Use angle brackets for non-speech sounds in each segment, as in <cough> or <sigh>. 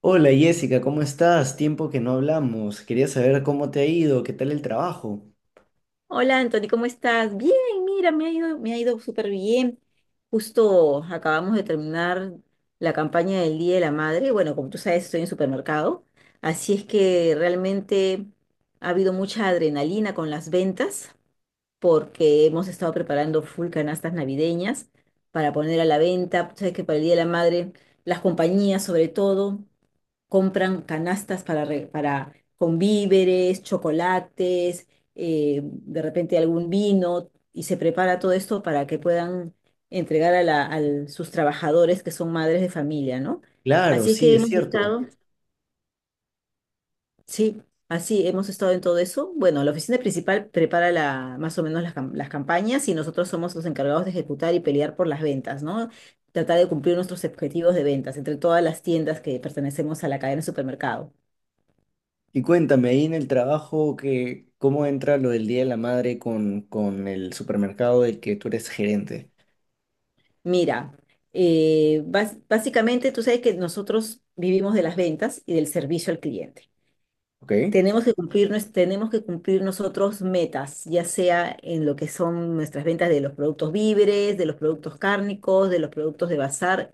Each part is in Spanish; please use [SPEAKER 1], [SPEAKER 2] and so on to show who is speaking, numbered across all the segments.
[SPEAKER 1] Hola Jessica, ¿cómo estás? Tiempo que no hablamos. Quería saber cómo te ha ido, qué tal el trabajo.
[SPEAKER 2] Hola Anthony, ¿cómo estás? Bien, mira, me ha ido súper bien. Justo acabamos de terminar la campaña del Día de la Madre. Bueno, como tú sabes, estoy en supermercado, así es que realmente ha habido mucha adrenalina con las ventas porque hemos estado preparando full canastas navideñas para poner a la venta. Tú sabes que para el Día de la Madre, las compañías sobre todo compran canastas con víveres, chocolates, de repente algún vino, y se prepara todo esto para que puedan entregar a sus trabajadores que son madres de familia, ¿no?
[SPEAKER 1] Claro,
[SPEAKER 2] Así es
[SPEAKER 1] sí,
[SPEAKER 2] que
[SPEAKER 1] es
[SPEAKER 2] hemos
[SPEAKER 1] cierto.
[SPEAKER 2] estado, sí, así hemos estado en todo eso. Bueno, la oficina principal prepara la, más o menos las, cam- las campañas y nosotros somos los encargados de ejecutar y pelear por las ventas, ¿no? Tratar de cumplir nuestros objetivos de ventas entre todas las tiendas que pertenecemos a la cadena de supermercado.
[SPEAKER 1] Y cuéntame ahí en el trabajo que cómo entra lo del Día de la Madre con el supermercado del que tú eres gerente.
[SPEAKER 2] Mira, básicamente tú sabes que nosotros vivimos de las ventas y del servicio al cliente.
[SPEAKER 1] ¿Ok?
[SPEAKER 2] Tenemos que cumplir nosotros metas, ya sea en lo que son nuestras ventas de los productos víveres, de los productos cárnicos, de los productos de bazar,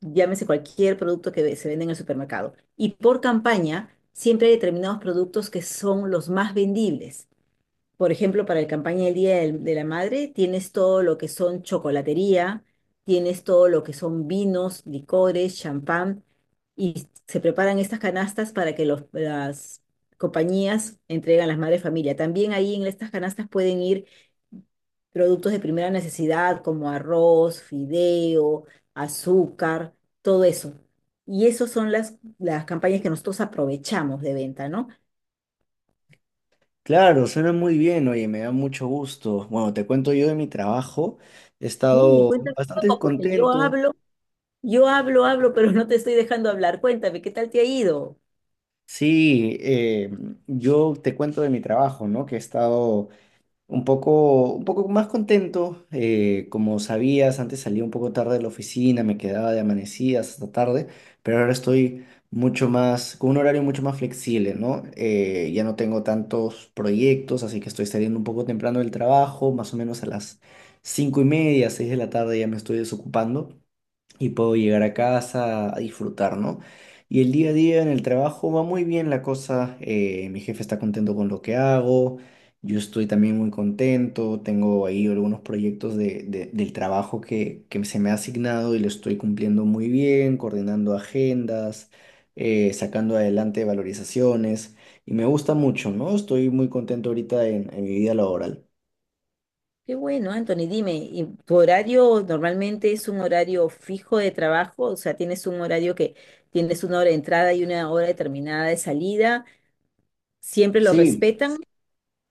[SPEAKER 2] llámese cualquier producto que se vende en el supermercado. Y por campaña, siempre hay determinados productos que son los más vendibles. Por ejemplo, para la campaña del Día de la Madre, tienes todo lo que son chocolatería, tienes todo lo que son vinos, licores, champán, y se preparan estas canastas para que las compañías entreguen a las madres de familia. También ahí en estas canastas pueden ir productos de primera necesidad como arroz, fideo, azúcar, todo eso. Y esas son las campañas que nosotros aprovechamos de venta, ¿no?
[SPEAKER 1] Claro, suena muy bien, oye, me da mucho gusto. Bueno, te cuento yo de mi trabajo. He
[SPEAKER 2] Sí,
[SPEAKER 1] estado
[SPEAKER 2] cuéntame un
[SPEAKER 1] bastante
[SPEAKER 2] poco, porque yo
[SPEAKER 1] contento.
[SPEAKER 2] hablo. Yo hablo, hablo, pero no te estoy dejando hablar. Cuéntame, ¿qué tal te ha ido?
[SPEAKER 1] Sí, yo te cuento de mi trabajo, ¿no? Que he estado un poco más contento, como sabías, antes salía un poco tarde de la oficina, me quedaba de amanecidas hasta tarde, pero ahora estoy mucho más, con un horario mucho más flexible, ¿no? Ya no tengo tantos proyectos, así que estoy saliendo un poco temprano del trabajo, más o menos a las 5:30, 6 de la tarde ya me estoy desocupando y puedo llegar a casa a disfrutar, ¿no? Y el día a día en el trabajo va muy bien la cosa, mi jefe está contento con lo que hago, yo estoy también muy contento, tengo ahí algunos proyectos del trabajo que se me ha asignado y lo estoy cumpliendo muy bien, coordinando agendas, sacando adelante valorizaciones y me gusta mucho, ¿no? Estoy muy contento ahorita en mi vida laboral.
[SPEAKER 2] Qué bueno, Anthony, dime, ¿y tu horario normalmente es un horario fijo de trabajo? O sea, ¿tienes un horario que tienes una hora de entrada y una hora determinada de salida? ¿Siempre lo
[SPEAKER 1] Sí.
[SPEAKER 2] respetan?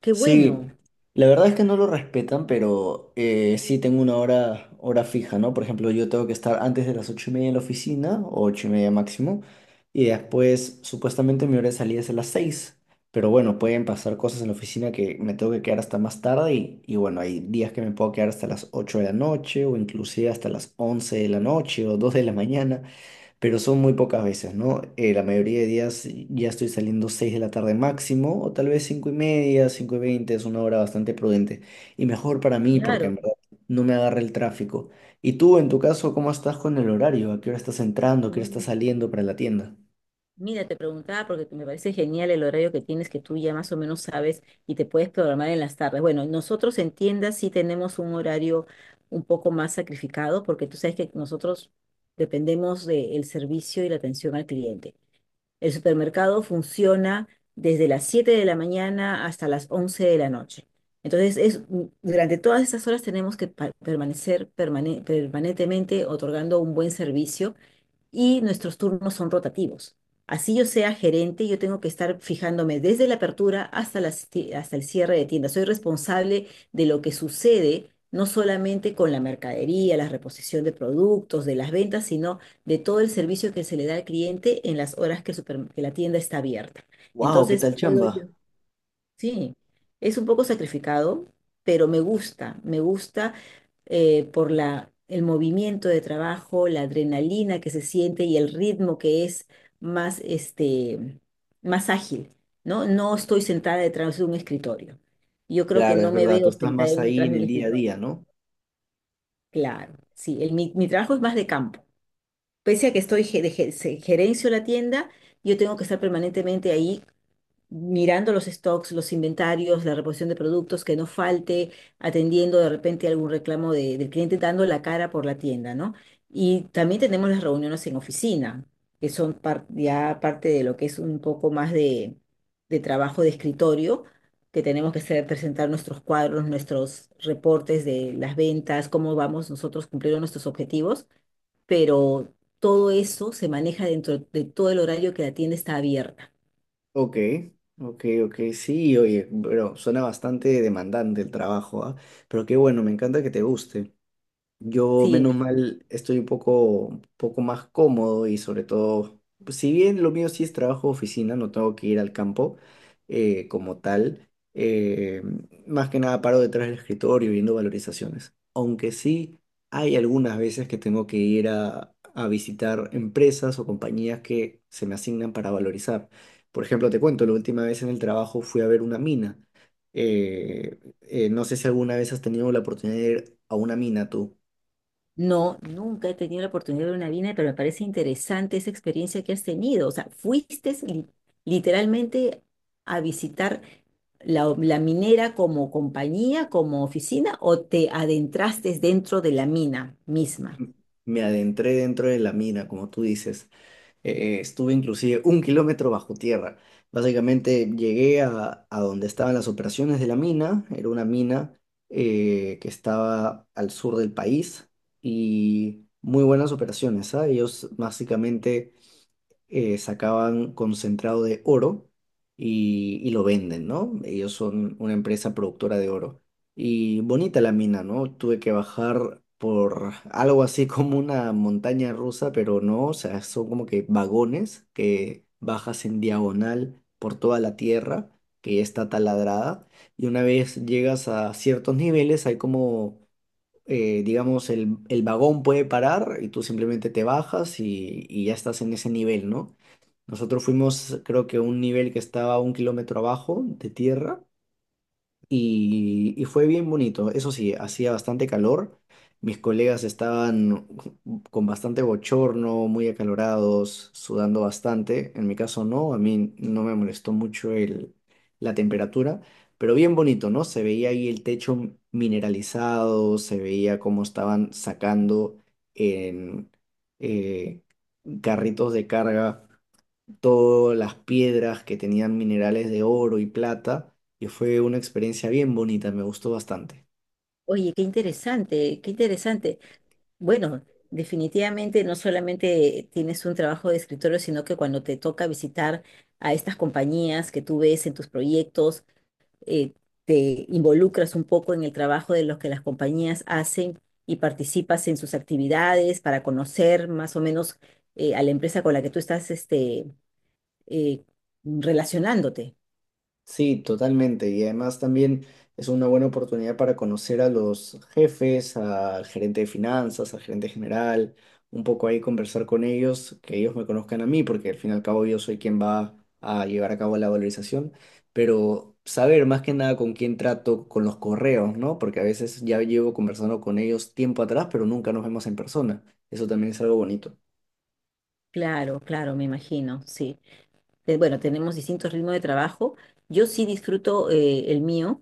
[SPEAKER 2] Qué bueno,
[SPEAKER 1] Sí, la verdad es que no lo respetan, pero sí tengo una hora fija, ¿no? Por ejemplo, yo tengo que estar antes de las 8:30 en la oficina, o 8:30 máximo, y después supuestamente mi hora de salida es a las seis. Pero bueno, pueden pasar cosas en la oficina que me tengo que quedar hasta más tarde y bueno, hay días que me puedo quedar hasta las 8 de la noche o inclusive hasta las 11 de la noche o 2 de la mañana, pero son muy pocas veces, ¿no? La mayoría de días ya estoy saliendo 6 de la tarde máximo, o tal vez 5:30, 5:20, es una hora bastante prudente y mejor para mí porque
[SPEAKER 2] claro.
[SPEAKER 1] en verdad no me agarra el tráfico. ¿Y tú, en tu caso, cómo estás con el horario? ¿A qué hora estás entrando? ¿A qué hora estás
[SPEAKER 2] Mm,
[SPEAKER 1] saliendo para la tienda?
[SPEAKER 2] mira, te preguntaba porque me parece genial el horario que tienes, que tú ya más o menos sabes y te puedes programar en las tardes. Bueno, nosotros en tiendas sí tenemos un horario un poco más sacrificado porque tú sabes que nosotros dependemos del servicio y la atención al cliente. El supermercado funciona desde las 7 de la mañana hasta las 11 de la noche. Entonces, es, durante todas esas horas tenemos que permanentemente otorgando un buen servicio y nuestros turnos son rotativos. Así yo sea gerente, yo tengo que estar fijándome desde la apertura hasta el cierre de tienda. Soy responsable de lo que sucede, no solamente con la mercadería, la reposición de productos, de las ventas, sino de todo el servicio que se le da al cliente en las horas que la tienda está abierta.
[SPEAKER 1] Wow, ¿qué
[SPEAKER 2] Entonces,
[SPEAKER 1] tal
[SPEAKER 2] puedo yo
[SPEAKER 1] chamba?
[SPEAKER 2] Sí, es un poco sacrificado, pero me gusta el movimiento de trabajo, la adrenalina que se siente y el ritmo que es más, este, más ágil, ¿no? No estoy sentada detrás de un escritorio. Yo creo que
[SPEAKER 1] Claro,
[SPEAKER 2] no
[SPEAKER 1] es
[SPEAKER 2] me
[SPEAKER 1] verdad, tú
[SPEAKER 2] veo
[SPEAKER 1] estás
[SPEAKER 2] sentada
[SPEAKER 1] más ahí
[SPEAKER 2] detrás
[SPEAKER 1] en
[SPEAKER 2] de un
[SPEAKER 1] el día a
[SPEAKER 2] escritorio.
[SPEAKER 1] día, ¿no?
[SPEAKER 2] Claro, sí, mi trabajo es más de campo. Pese a que estoy ge- de ge- se- gerencio la tienda, yo tengo que estar permanentemente ahí mirando los stocks, los inventarios, la reposición de productos, que no falte, atendiendo de repente algún reclamo del cliente, dando la cara por la tienda, ¿no? Y también tenemos las reuniones en oficina, ya parte de lo que es un poco más de trabajo de escritorio, que tenemos que hacer, presentar nuestros cuadros, nuestros reportes de las ventas, cómo vamos nosotros cumpliendo nuestros objetivos, pero todo eso se maneja dentro de todo el horario que la tienda está abierta.
[SPEAKER 1] Ok, ok, ok, sí, oye, pero suena bastante demandante el trabajo, ¿ah? Pero qué bueno, me encanta que te guste. Yo,
[SPEAKER 2] Sí,
[SPEAKER 1] menos mal, estoy un poco más cómodo y sobre todo, pues, si bien lo mío sí es trabajo de oficina, no tengo que ir al campo, como tal, eh, más que nada paro detrás del escritorio viendo valorizaciones. Aunque sí hay algunas veces que tengo que ir a visitar empresas o compañías que se me asignan para valorizar. Por ejemplo, te cuento, la última vez en el trabajo fui a ver una mina. No sé si alguna vez has tenido la oportunidad de ir a una mina tú.
[SPEAKER 2] no, nunca he tenido la oportunidad de ver una vina, pero me parece interesante esa experiencia que has tenido. O sea, literalmente a visitar la minera como compañía, como oficina, o te adentraste dentro de la mina misma.
[SPEAKER 1] Me adentré dentro de la mina, como tú dices. Estuve inclusive 1 km bajo tierra. Básicamente llegué a donde estaban las operaciones de la mina. Era una mina, que estaba al sur del país y muy buenas operaciones, ¿ah? Ellos básicamente sacaban concentrado de oro y lo venden, ¿no? Ellos son una empresa productora de oro. Y bonita la mina, ¿no? Tuve que bajar por algo así <laughs> como una montaña rusa, pero no, o sea, son como que vagones que bajas en diagonal por toda la tierra que ya está taladrada. Y una vez llegas a ciertos niveles, hay como, digamos, el vagón puede parar y tú simplemente te bajas y ya estás en ese nivel, ¿no? Nosotros fuimos, creo que a un nivel que estaba 1 km abajo de tierra y fue bien bonito. Eso sí, hacía bastante calor. Mis colegas estaban con bastante bochorno, muy acalorados, sudando bastante. En mi caso no, a mí no me molestó mucho la temperatura, pero bien bonito, ¿no? Se veía ahí el techo mineralizado, se veía cómo estaban sacando en eh, carritos de carga todas las piedras que tenían minerales de oro y plata y fue una experiencia bien bonita, me gustó bastante.
[SPEAKER 2] Oye, qué interesante, qué interesante. Bueno, definitivamente no solamente tienes un trabajo de escritorio, sino que cuando te toca visitar a estas compañías que tú ves en tus proyectos, eh, te involucras un poco en el trabajo de los que las compañías hacen y participas en sus actividades para conocer más o menos a la empresa con la que tú estás eh, relacionándote.
[SPEAKER 1] Sí, totalmente. Y además también es una buena oportunidad para conocer a los jefes, al gerente de finanzas, al gerente general, un poco ahí conversar con ellos, que ellos me conozcan a mí, porque al fin y al cabo yo soy quien va a llevar a cabo la valorización, pero saber más que nada con quién trato, con los correos, ¿no? Porque a veces ya llevo conversando con ellos tiempo atrás, pero nunca nos vemos en persona. Eso también es algo bonito.
[SPEAKER 2] Claro, claro, me imagino, sí. Bueno, tenemos distintos ritmos de trabajo. Yo sí disfruto el mío.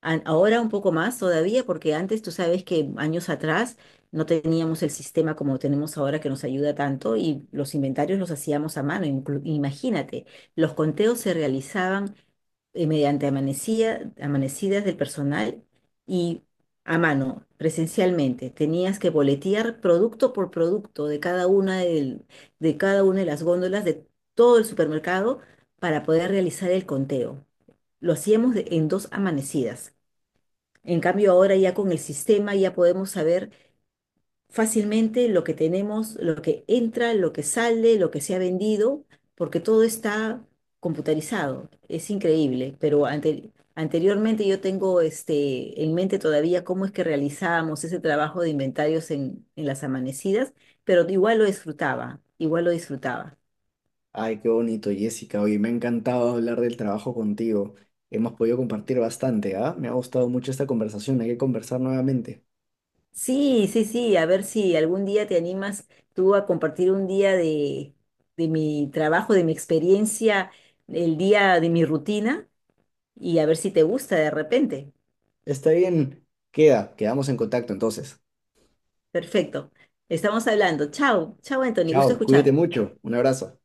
[SPEAKER 2] Ahora un poco más todavía, porque antes tú sabes que años atrás no teníamos el sistema como tenemos ahora que nos ayuda tanto y los inventarios los hacíamos a mano. Imagínate, los conteos se realizaban mediante amanecidas del personal y a mano, presencialmente. Tenías que boletear producto por producto de cada una de las góndolas de todo el supermercado para poder realizar el conteo. Lo hacíamos en dos amanecidas. En cambio, ahora ya con el sistema ya podemos saber fácilmente lo que tenemos, lo que entra, lo que sale, lo que se ha vendido, porque todo está computarizado. Es increíble, pero anteriormente yo tengo este, en mente todavía cómo es que realizábamos ese trabajo de inventarios en las amanecidas, pero igual lo disfrutaba.
[SPEAKER 1] Ay, qué bonito, Jessica. Oye, me ha encantado hablar del trabajo contigo. Hemos podido compartir bastante, ¿ah? Me ha gustado mucho esta conversación. Hay que conversar nuevamente.
[SPEAKER 2] Sí, sí, sí, a ver si algún día te animas tú a compartir un día de mi trabajo, de mi experiencia, el día de mi rutina y a ver si te gusta de repente.
[SPEAKER 1] Está bien. Quedamos en contacto entonces.
[SPEAKER 2] Perfecto. Estamos hablando. Chao, chao, Anthony, gusto
[SPEAKER 1] Chao, cuídate
[SPEAKER 2] escuchar.
[SPEAKER 1] mucho. Un abrazo.